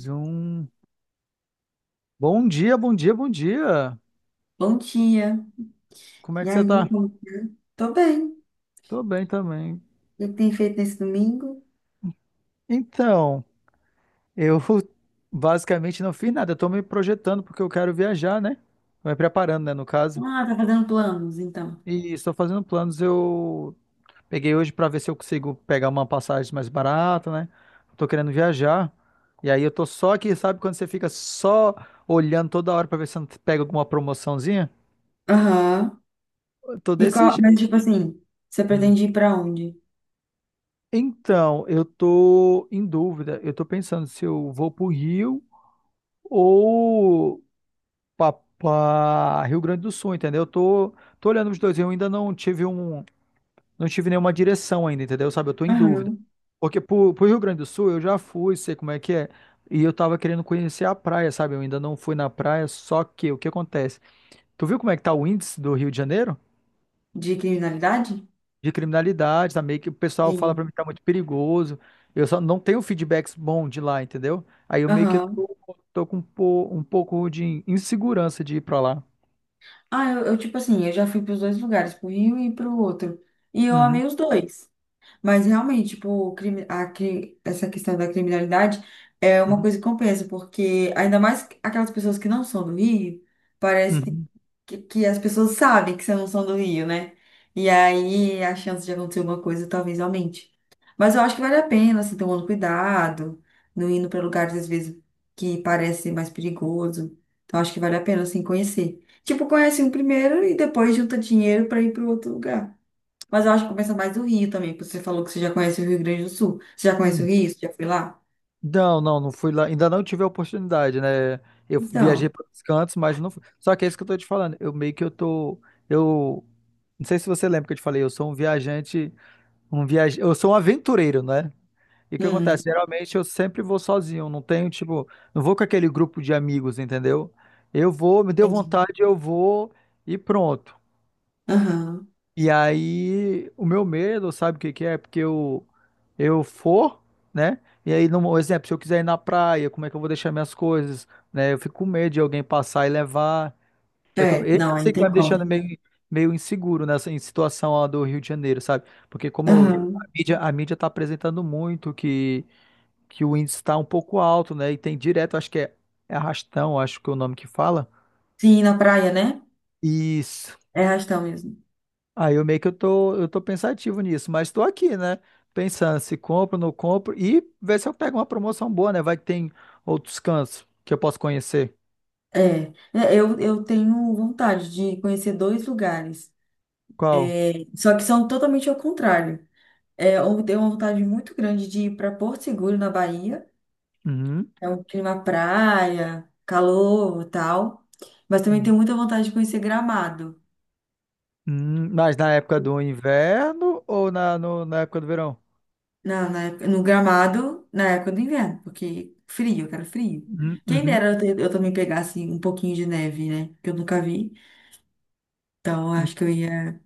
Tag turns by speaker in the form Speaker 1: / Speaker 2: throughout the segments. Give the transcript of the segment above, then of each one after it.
Speaker 1: Zoom. Bom dia, bom dia, bom dia.
Speaker 2: Bom dia.
Speaker 1: Como é
Speaker 2: E
Speaker 1: que você
Speaker 2: aí,
Speaker 1: tá?
Speaker 2: como tá? Tô bem. O
Speaker 1: Tô bem também.
Speaker 2: que que tem feito nesse domingo?
Speaker 1: Então, eu basicamente não fiz nada. Eu tô me projetando porque eu quero viajar, né? Tô me preparando, né, no caso.
Speaker 2: Ah, tá fazendo planos, então.
Speaker 1: E estou fazendo planos. Eu peguei hoje pra ver se eu consigo pegar uma passagem mais barata, né? Tô querendo viajar. E aí eu tô só aqui, sabe quando você fica só olhando toda hora pra ver se não pega alguma promoçãozinha?
Speaker 2: Aham.
Speaker 1: Eu tô
Speaker 2: E
Speaker 1: desse
Speaker 2: qual, mas
Speaker 1: jeito.
Speaker 2: tipo assim, você pretende ir pra onde?
Speaker 1: Então, eu tô em dúvida. Eu tô pensando se eu vou pro Rio ou para Rio Grande do Sul, entendeu? Tô olhando os dois. Eu ainda não tive não tive nenhuma direção ainda, entendeu? Sabe, eu tô em dúvida.
Speaker 2: Aham.
Speaker 1: Porque pro Rio Grande do Sul eu já fui, sei como é que é. E eu tava querendo conhecer a praia, sabe? Eu ainda não fui na praia, só que o que acontece? Tu viu como é que tá o índice do Rio de Janeiro?
Speaker 2: De criminalidade?
Speaker 1: De criminalidade, tá meio que o pessoal fala pra mim
Speaker 2: Sim.
Speaker 1: que tá muito perigoso. Eu só não tenho feedbacks bons de lá, entendeu? Aí eu meio que
Speaker 2: Aham.
Speaker 1: tô com um pouco de insegurança de ir pra lá.
Speaker 2: Ah, eu, tipo assim, eu já fui pros dois lugares, pro Rio e pro outro. E eu
Speaker 1: Uhum,
Speaker 2: amei os dois. Mas realmente, tipo, o crime, essa questão da criminalidade é uma
Speaker 1: uhum,
Speaker 2: coisa que compensa, porque ainda mais aquelas pessoas que não são do Rio, parece que,
Speaker 1: uhum,
Speaker 2: que, que as pessoas sabem que você não são do Rio, né? E aí a chance de acontecer alguma coisa talvez aumente. Mas eu acho que vale a pena, assim, tomando cuidado, não indo para lugares às vezes que parece mais perigoso. Então acho que vale a pena, assim, conhecer. Tipo, conhece um primeiro e depois junta dinheiro para ir para outro lugar. Mas eu acho que compensa mais o Rio também, porque você falou que você já conhece o Rio Grande do Sul. Você já conhece o
Speaker 1: uhum.
Speaker 2: Rio? Você já foi lá?
Speaker 1: Não, não, não fui lá. Ainda não tive a oportunidade, né? Eu viajei
Speaker 2: Então,
Speaker 1: para os cantos, mas não fui. Só que é isso que eu tô te falando. Eu meio que eu tô. Eu não sei se você lembra que eu te falei, eu sou um viajante, eu sou um aventureiro, né? E o que acontece?
Speaker 2: hum,
Speaker 1: Geralmente eu sempre vou sozinho, não tenho, tipo, não vou com aquele grupo de amigos, entendeu? Eu vou, me deu
Speaker 2: entendi.
Speaker 1: vontade, eu vou e pronto.
Speaker 2: Aham.
Speaker 1: E aí, o meu medo, sabe o que que é? Porque eu for, né? E aí, no exemplo, se eu quiser ir na praia, como é que eu vou deixar minhas coisas, né? Eu fico com medo de alguém passar e levar. Eu tô,
Speaker 2: É,
Speaker 1: esse
Speaker 2: não, aí
Speaker 1: sei
Speaker 2: não
Speaker 1: que tá
Speaker 2: tem
Speaker 1: me deixando
Speaker 2: como.
Speaker 1: meio inseguro nessa em situação lá do Rio de Janeiro, sabe? Porque como eu-
Speaker 2: Aham.
Speaker 1: a mídia tá apresentando muito que o índice está um pouco alto, né? E tem direto, é arrastão, acho que é o nome que fala.
Speaker 2: Sim, na praia, né?
Speaker 1: Isso.
Speaker 2: É arrastão mesmo.
Speaker 1: Aí eu meio que eu tô pensativo nisso, mas tô aqui, né? Pensando se compro, não compro e ver se eu pego uma promoção boa, né? Vai que tem outros cantos que eu posso conhecer.
Speaker 2: É, É, eu tenho vontade de conhecer dois lugares,
Speaker 1: Qual?
Speaker 2: é, só que são totalmente ao contrário. É, eu tenho uma vontade muito grande de ir para Porto Seguro, na Bahia.
Speaker 1: Uhum.
Speaker 2: É um clima praia, calor e tal. Mas também
Speaker 1: Uhum.
Speaker 2: tenho muita vontade de conhecer Gramado.
Speaker 1: Mas na época do inverno ou na, no- na época do verão?
Speaker 2: Não na época, no gramado na época do inverno, porque frio, eu quero frio.
Speaker 1: Uhum.
Speaker 2: Quem
Speaker 1: Uhum.
Speaker 2: dera eu também pegasse um pouquinho de neve, né? Que eu nunca vi. Então, eu acho que eu ia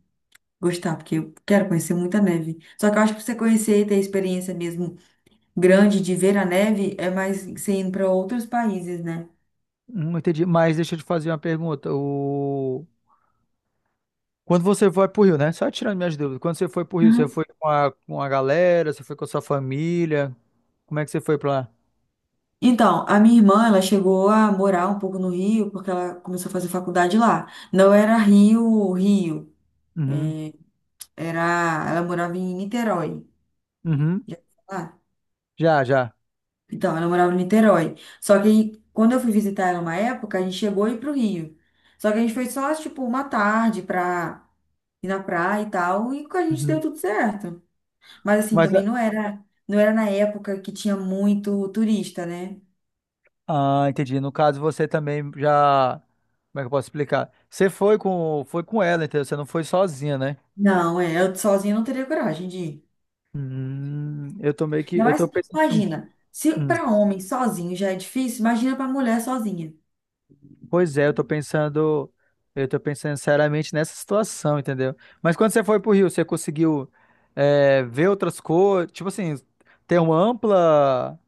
Speaker 2: gostar, porque eu quero conhecer muita neve. Só que eu acho que pra você conhecer e ter experiência mesmo grande de ver a neve é mais você indo para outros países, né?
Speaker 1: Entendi. Mas deixa eu te fazer uma pergunta. O... Quando você vai pro Rio, né? Só tirando minhas dúvidas. Quando você foi pro Rio, você
Speaker 2: Uhum.
Speaker 1: foi com com a galera, você foi com a sua família? Como é que você foi pra lá?
Speaker 2: Então, a minha irmã, ela chegou a morar um pouco no Rio, porque ela começou a fazer faculdade lá. Não era Rio, Rio,
Speaker 1: Uhum.
Speaker 2: era, ela morava em Niterói.
Speaker 1: Uhum.
Speaker 2: Já ouviu falar?
Speaker 1: Já, já.
Speaker 2: Então, ela morava em Niterói. Só que aí, quando eu fui visitar ela uma época, a gente chegou a ir pro Rio. Só que a gente foi só, tipo, uma tarde pra ir na praia e tal, e a gente deu
Speaker 1: Uhum.
Speaker 2: tudo certo. Mas assim,
Speaker 1: Mas,
Speaker 2: também não era na época que tinha muito turista, né?
Speaker 1: ah, entendi. No caso, você também já. Como é que eu posso explicar? Você foi foi com ela, entendeu? Você não foi sozinha, né?
Speaker 2: Não, é, eu sozinha não teria coragem de ir.
Speaker 1: Eu tô meio que.
Speaker 2: Ainda
Speaker 1: Eu tô
Speaker 2: mais,
Speaker 1: pensando.
Speaker 2: imagina, se para homem sozinho já é difícil, imagina para mulher sozinha.
Speaker 1: Pois é, eu tô pensando seriamente nessa situação, entendeu? Mas quando você foi pro Rio, você conseguiu ver outras coisas, tipo assim, ter uma ampla,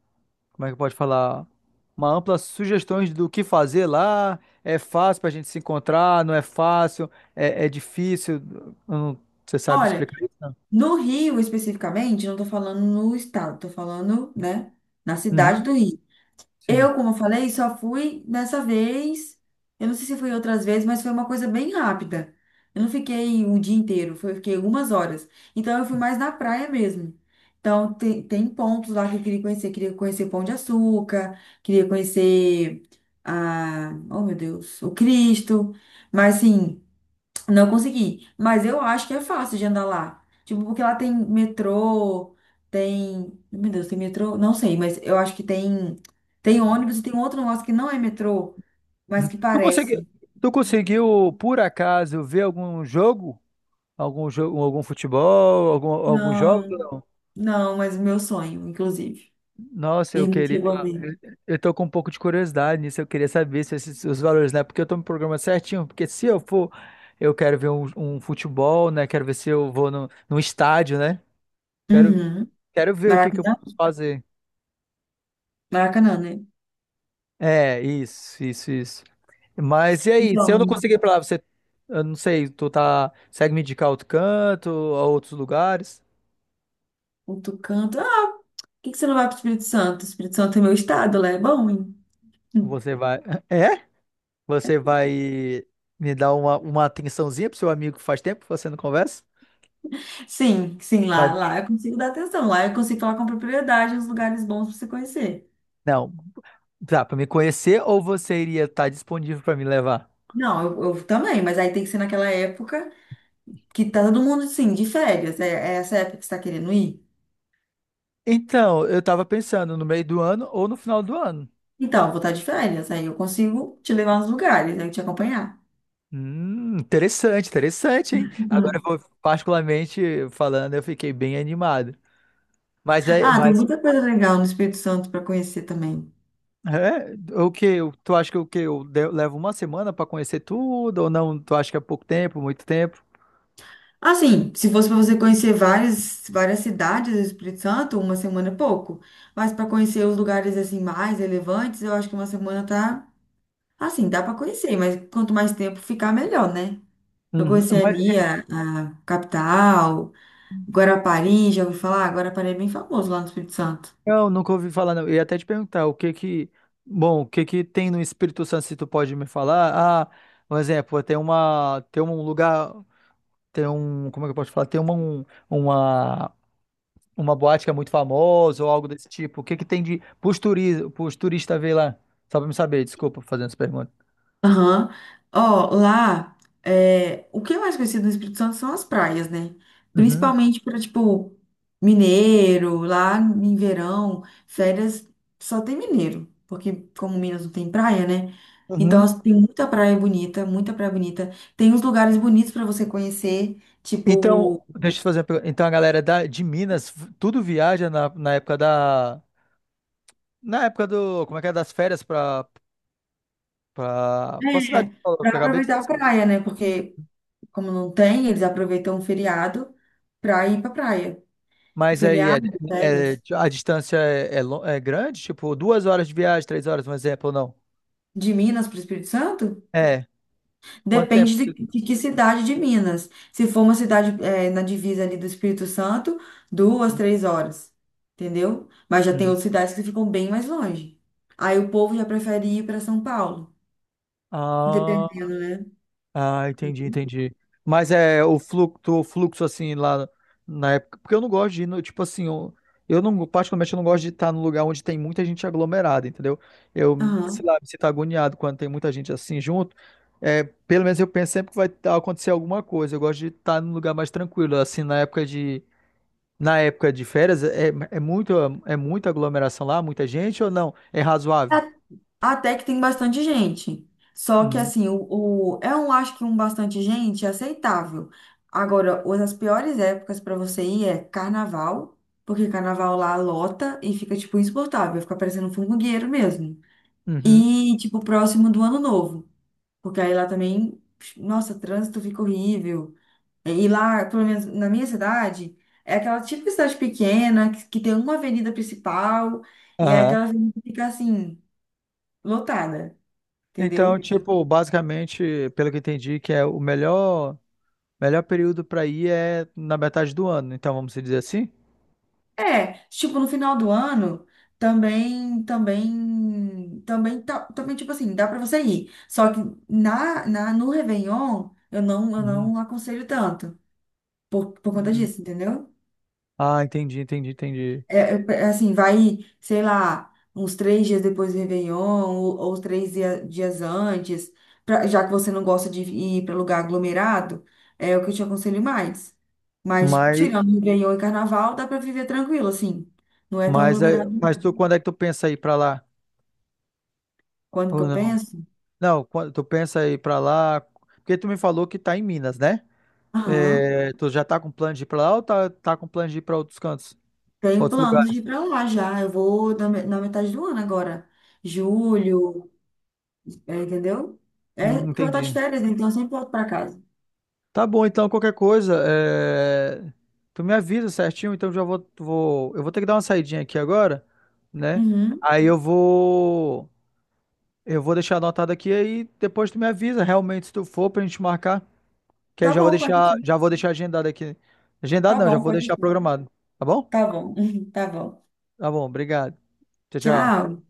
Speaker 1: como é que pode falar? Uma ampla sugestões do que fazer lá. É fácil pra gente se encontrar, não é fácil, é difícil. Eu não- você sabe
Speaker 2: Olha,
Speaker 1: explicar isso? Não?
Speaker 2: no Rio especificamente, não tô falando no estado, tô falando, né, na cidade
Speaker 1: Uhum,
Speaker 2: do Rio.
Speaker 1: sim.
Speaker 2: Eu, como eu falei, só fui nessa vez. Eu não sei se fui outras vezes, mas foi uma coisa bem rápida. Eu não fiquei um dia inteiro, foi, eu fiquei algumas horas. Então eu fui mais na praia mesmo. Então tem pontos lá que eu queria conhecer. Queria conhecer Pão de Açúcar, queria conhecer oh meu Deus, o Cristo. Mas assim, não consegui, mas eu acho que é fácil de andar lá. Tipo, porque lá tem metrô, tem. Meu Deus, tem metrô? Não sei, mas eu acho que tem. Tem ônibus e tem um outro negócio que não é metrô, mas
Speaker 1: Uhum.
Speaker 2: que parece.
Speaker 1: Tu conseguiu, por acaso, ver algum jogo? Algum jogo, algum futebol, algum jogo?
Speaker 2: Não, não, mas meu sonho, inclusive.
Speaker 1: Nossa, eu
Speaker 2: E não
Speaker 1: queria.
Speaker 2: chegou a ver.
Speaker 1: Eu tô com um pouco de curiosidade nisso. Eu queria saber se esses, os valores, né? Porque eu tô no programa certinho. Porque se eu for, eu quero ver um futebol, né? Quero ver se eu vou no, num estádio, né? Quero,
Speaker 2: Uhum.
Speaker 1: quero ver o que que eu
Speaker 2: Maracanã?
Speaker 1: posso fazer.
Speaker 2: Maracanã, né?
Speaker 1: É, isso, isso, isso. Mas e aí? Se eu não
Speaker 2: Então,
Speaker 1: conseguir ir pra lá, você. Eu não sei, tu tá. Segue me indicar outro canto, a outros lugares?
Speaker 2: outro canto. Ah, por que que você não vai pro Espírito Santo? Espírito Santo é meu estado, lá é bom, hein?
Speaker 1: Você vai. É? Você vai me dar uma atençãozinha pro seu amigo que faz tempo que você não conversa?
Speaker 2: Sim, sim,
Speaker 1: Vai,
Speaker 2: lá eu consigo dar atenção, lá eu consigo falar com propriedade os lugares bons para você conhecer.
Speaker 1: não, tá, pra me conhecer ou você iria estar disponível pra me levar?
Speaker 2: Não, eu também, mas aí tem que ser naquela época que tá todo mundo, sim, de férias. É, é essa época que você tá querendo ir?
Speaker 1: Então, eu tava pensando no meio do ano ou no final do ano.
Speaker 2: Então, eu vou estar de férias, aí eu consigo te levar nos lugares, aí te acompanhar.
Speaker 1: Interessante, interessante, hein? Agora eu
Speaker 2: Uhum.
Speaker 1: vou, particularmente falando, eu fiquei bem animado.
Speaker 2: Ah, tem
Speaker 1: Mas
Speaker 2: muita coisa legal no Espírito Santo para conhecer também.
Speaker 1: é, o que? Tu acha que o que eu de- levo uma semana pra conhecer tudo ou não? Tu acha que é pouco tempo, muito tempo?
Speaker 2: Assim, se fosse para você conhecer várias cidades do Espírito Santo, uma semana é pouco. Mas para conhecer os lugares assim mais relevantes, eu acho que uma semana tá. Assim, dá para conhecer, mas quanto mais tempo ficar, melhor, né? Eu
Speaker 1: Uhum.
Speaker 2: conheci ali a capital, Guarapari, já ouvi falar? Guarapari é bem famoso lá no Espírito Santo.
Speaker 1: Não, nunca ouvi falar, não. Eu ia até te perguntar bom, o que que tem no Espírito Santo, se tu pode me falar? Ah, um exemplo, tem uma, tem um lugar, tem um, como é que eu posso falar? Tem uma boate que é muito famosa ou algo desse tipo. O que que tem de, pros turistas ver lá? Só pra me saber, desculpa fazendo essa pergunta.
Speaker 2: Aham. Ó, lá, é, o que é mais conhecido no Espírito Santo são as praias, né?
Speaker 1: Uhum,
Speaker 2: Principalmente para, tipo, mineiro, lá em verão, férias só tem mineiro, porque como Minas não tem praia, né? Então,
Speaker 1: uhum.
Speaker 2: as, tem muita praia bonita, muita praia bonita. Tem uns lugares bonitos para você conhecer, tipo
Speaker 1: Então, deixa eu te fazer uma pergunta. Então, a galera de Minas, tudo viaja na época na época do, como é que é, das férias pra, pra cidade
Speaker 2: é
Speaker 1: que eu
Speaker 2: para
Speaker 1: acabei de
Speaker 2: aproveitar a
Speaker 1: dizer.
Speaker 2: praia, né? Porque, como não tem, eles aproveitam o feriado para ir pra praia.
Speaker 1: Mas aí é,
Speaker 2: Feriado,
Speaker 1: é-
Speaker 2: férias.
Speaker 1: a distância é, lo- é grande? Tipo, duas horas de viagem, três horas, um exemplo, ou não?
Speaker 2: De Minas para o Espírito Santo?
Speaker 1: É. Quanto tempo?
Speaker 2: Depende de que cidade de Minas. Se for uma cidade eh, na divisa ali do Espírito Santo, 2, 3 horas. Entendeu? Mas já tem
Speaker 1: Uhum.
Speaker 2: outras cidades que ficam bem mais longe. Aí o povo já prefere ir para São Paulo.
Speaker 1: Ah.
Speaker 2: Dependendo, né?
Speaker 1: Ah, entendi, entendi. Mas é o fluxo assim lá na época, porque eu não gosto de ir no, tipo assim, eu não, particularmente eu não gosto de estar num lugar onde tem muita gente aglomerada, entendeu? Eu,
Speaker 2: Aham.
Speaker 1: sei lá, me sinto agoniado quando tem muita gente assim junto. É, pelo menos eu penso sempre que vai tá- acontecer alguma coisa. Eu gosto de estar num lugar mais tranquilo, assim, na época de férias é muito é muita aglomeração lá, muita gente ou não? É razoável?
Speaker 2: Até que tem bastante gente. Só que
Speaker 1: Uhum.
Speaker 2: assim, é um, acho que um bastante gente é aceitável. Agora, uma das piores épocas para você ir é carnaval, porque carnaval lá lota e fica tipo insuportável, fica parecendo um formigueiro mesmo.
Speaker 1: Uhum.
Speaker 2: E tipo próximo do ano novo, porque aí lá também, nossa, trânsito fica horrível. E lá, pelo menos na minha cidade, é aquela típica cidade pequena que tem uma avenida principal e é
Speaker 1: Aham.
Speaker 2: aquela avenida que fica assim lotada,
Speaker 1: Então,
Speaker 2: entendeu?
Speaker 1: tipo, basicamente, pelo que eu entendi, que é o melhor, melhor período para ir é na metade do ano. Então, vamos dizer assim?
Speaker 2: É, tipo, no final do ano, também, tipo assim, dá pra você ir. Só que no Réveillon, eu não, eu
Speaker 1: Uhum.
Speaker 2: não aconselho tanto, por conta
Speaker 1: Uhum.
Speaker 2: disso, entendeu?
Speaker 1: Ah, entendi, entendi, entendi.
Speaker 2: É, é, é assim, vai, sei lá, uns 3 dias depois do Réveillon, ou três dias antes, pra, já que você não gosta de ir pra lugar aglomerado, é o que eu te aconselho mais. Mas,
Speaker 1: Mas,
Speaker 2: tirando Réveillon e Carnaval, dá pra viver tranquilo, assim. Não é tão
Speaker 1: mas, é-
Speaker 2: aglomerado.
Speaker 1: mas tu, quando é que tu pensa ir para lá?
Speaker 2: Quando que
Speaker 1: Ou
Speaker 2: eu
Speaker 1: não?
Speaker 2: penso?
Speaker 1: Não, quando tu pensa ir para lá, porque tu me falou que tá em Minas, né?
Speaker 2: Aham.
Speaker 1: É, tu já tá com plano de ir para lá ou tá com plano de ir para outros cantos,
Speaker 2: Tenho
Speaker 1: outros
Speaker 2: planos de
Speaker 1: lugares?
Speaker 2: ir pra lá já. Eu vou na metade do ano agora. Julho, é, entendeu? É porque eu vou estar de
Speaker 1: Entendi.
Speaker 2: férias, né? Então eu sempre volto pra casa.
Speaker 1: Tá bom, então, qualquer coisa, é, tu me avisa certinho, então eu vou ter que dar uma saidinha aqui agora, né?
Speaker 2: Uhum.
Speaker 1: Aí eu vou deixar anotado aqui, aí depois tu me avisa realmente se tu for pra gente marcar, que aí eu
Speaker 2: Tá bom, pode deixar.
Speaker 1: já vou deixar agendado aqui.
Speaker 2: Tá
Speaker 1: Agendado não, já
Speaker 2: bom,
Speaker 1: vou
Speaker 2: pode
Speaker 1: deixar
Speaker 2: deixar.
Speaker 1: programado, tá bom?
Speaker 2: Tá bom, tá bom.
Speaker 1: Tá bom, obrigado. Tchau, tchau.
Speaker 2: Tchau.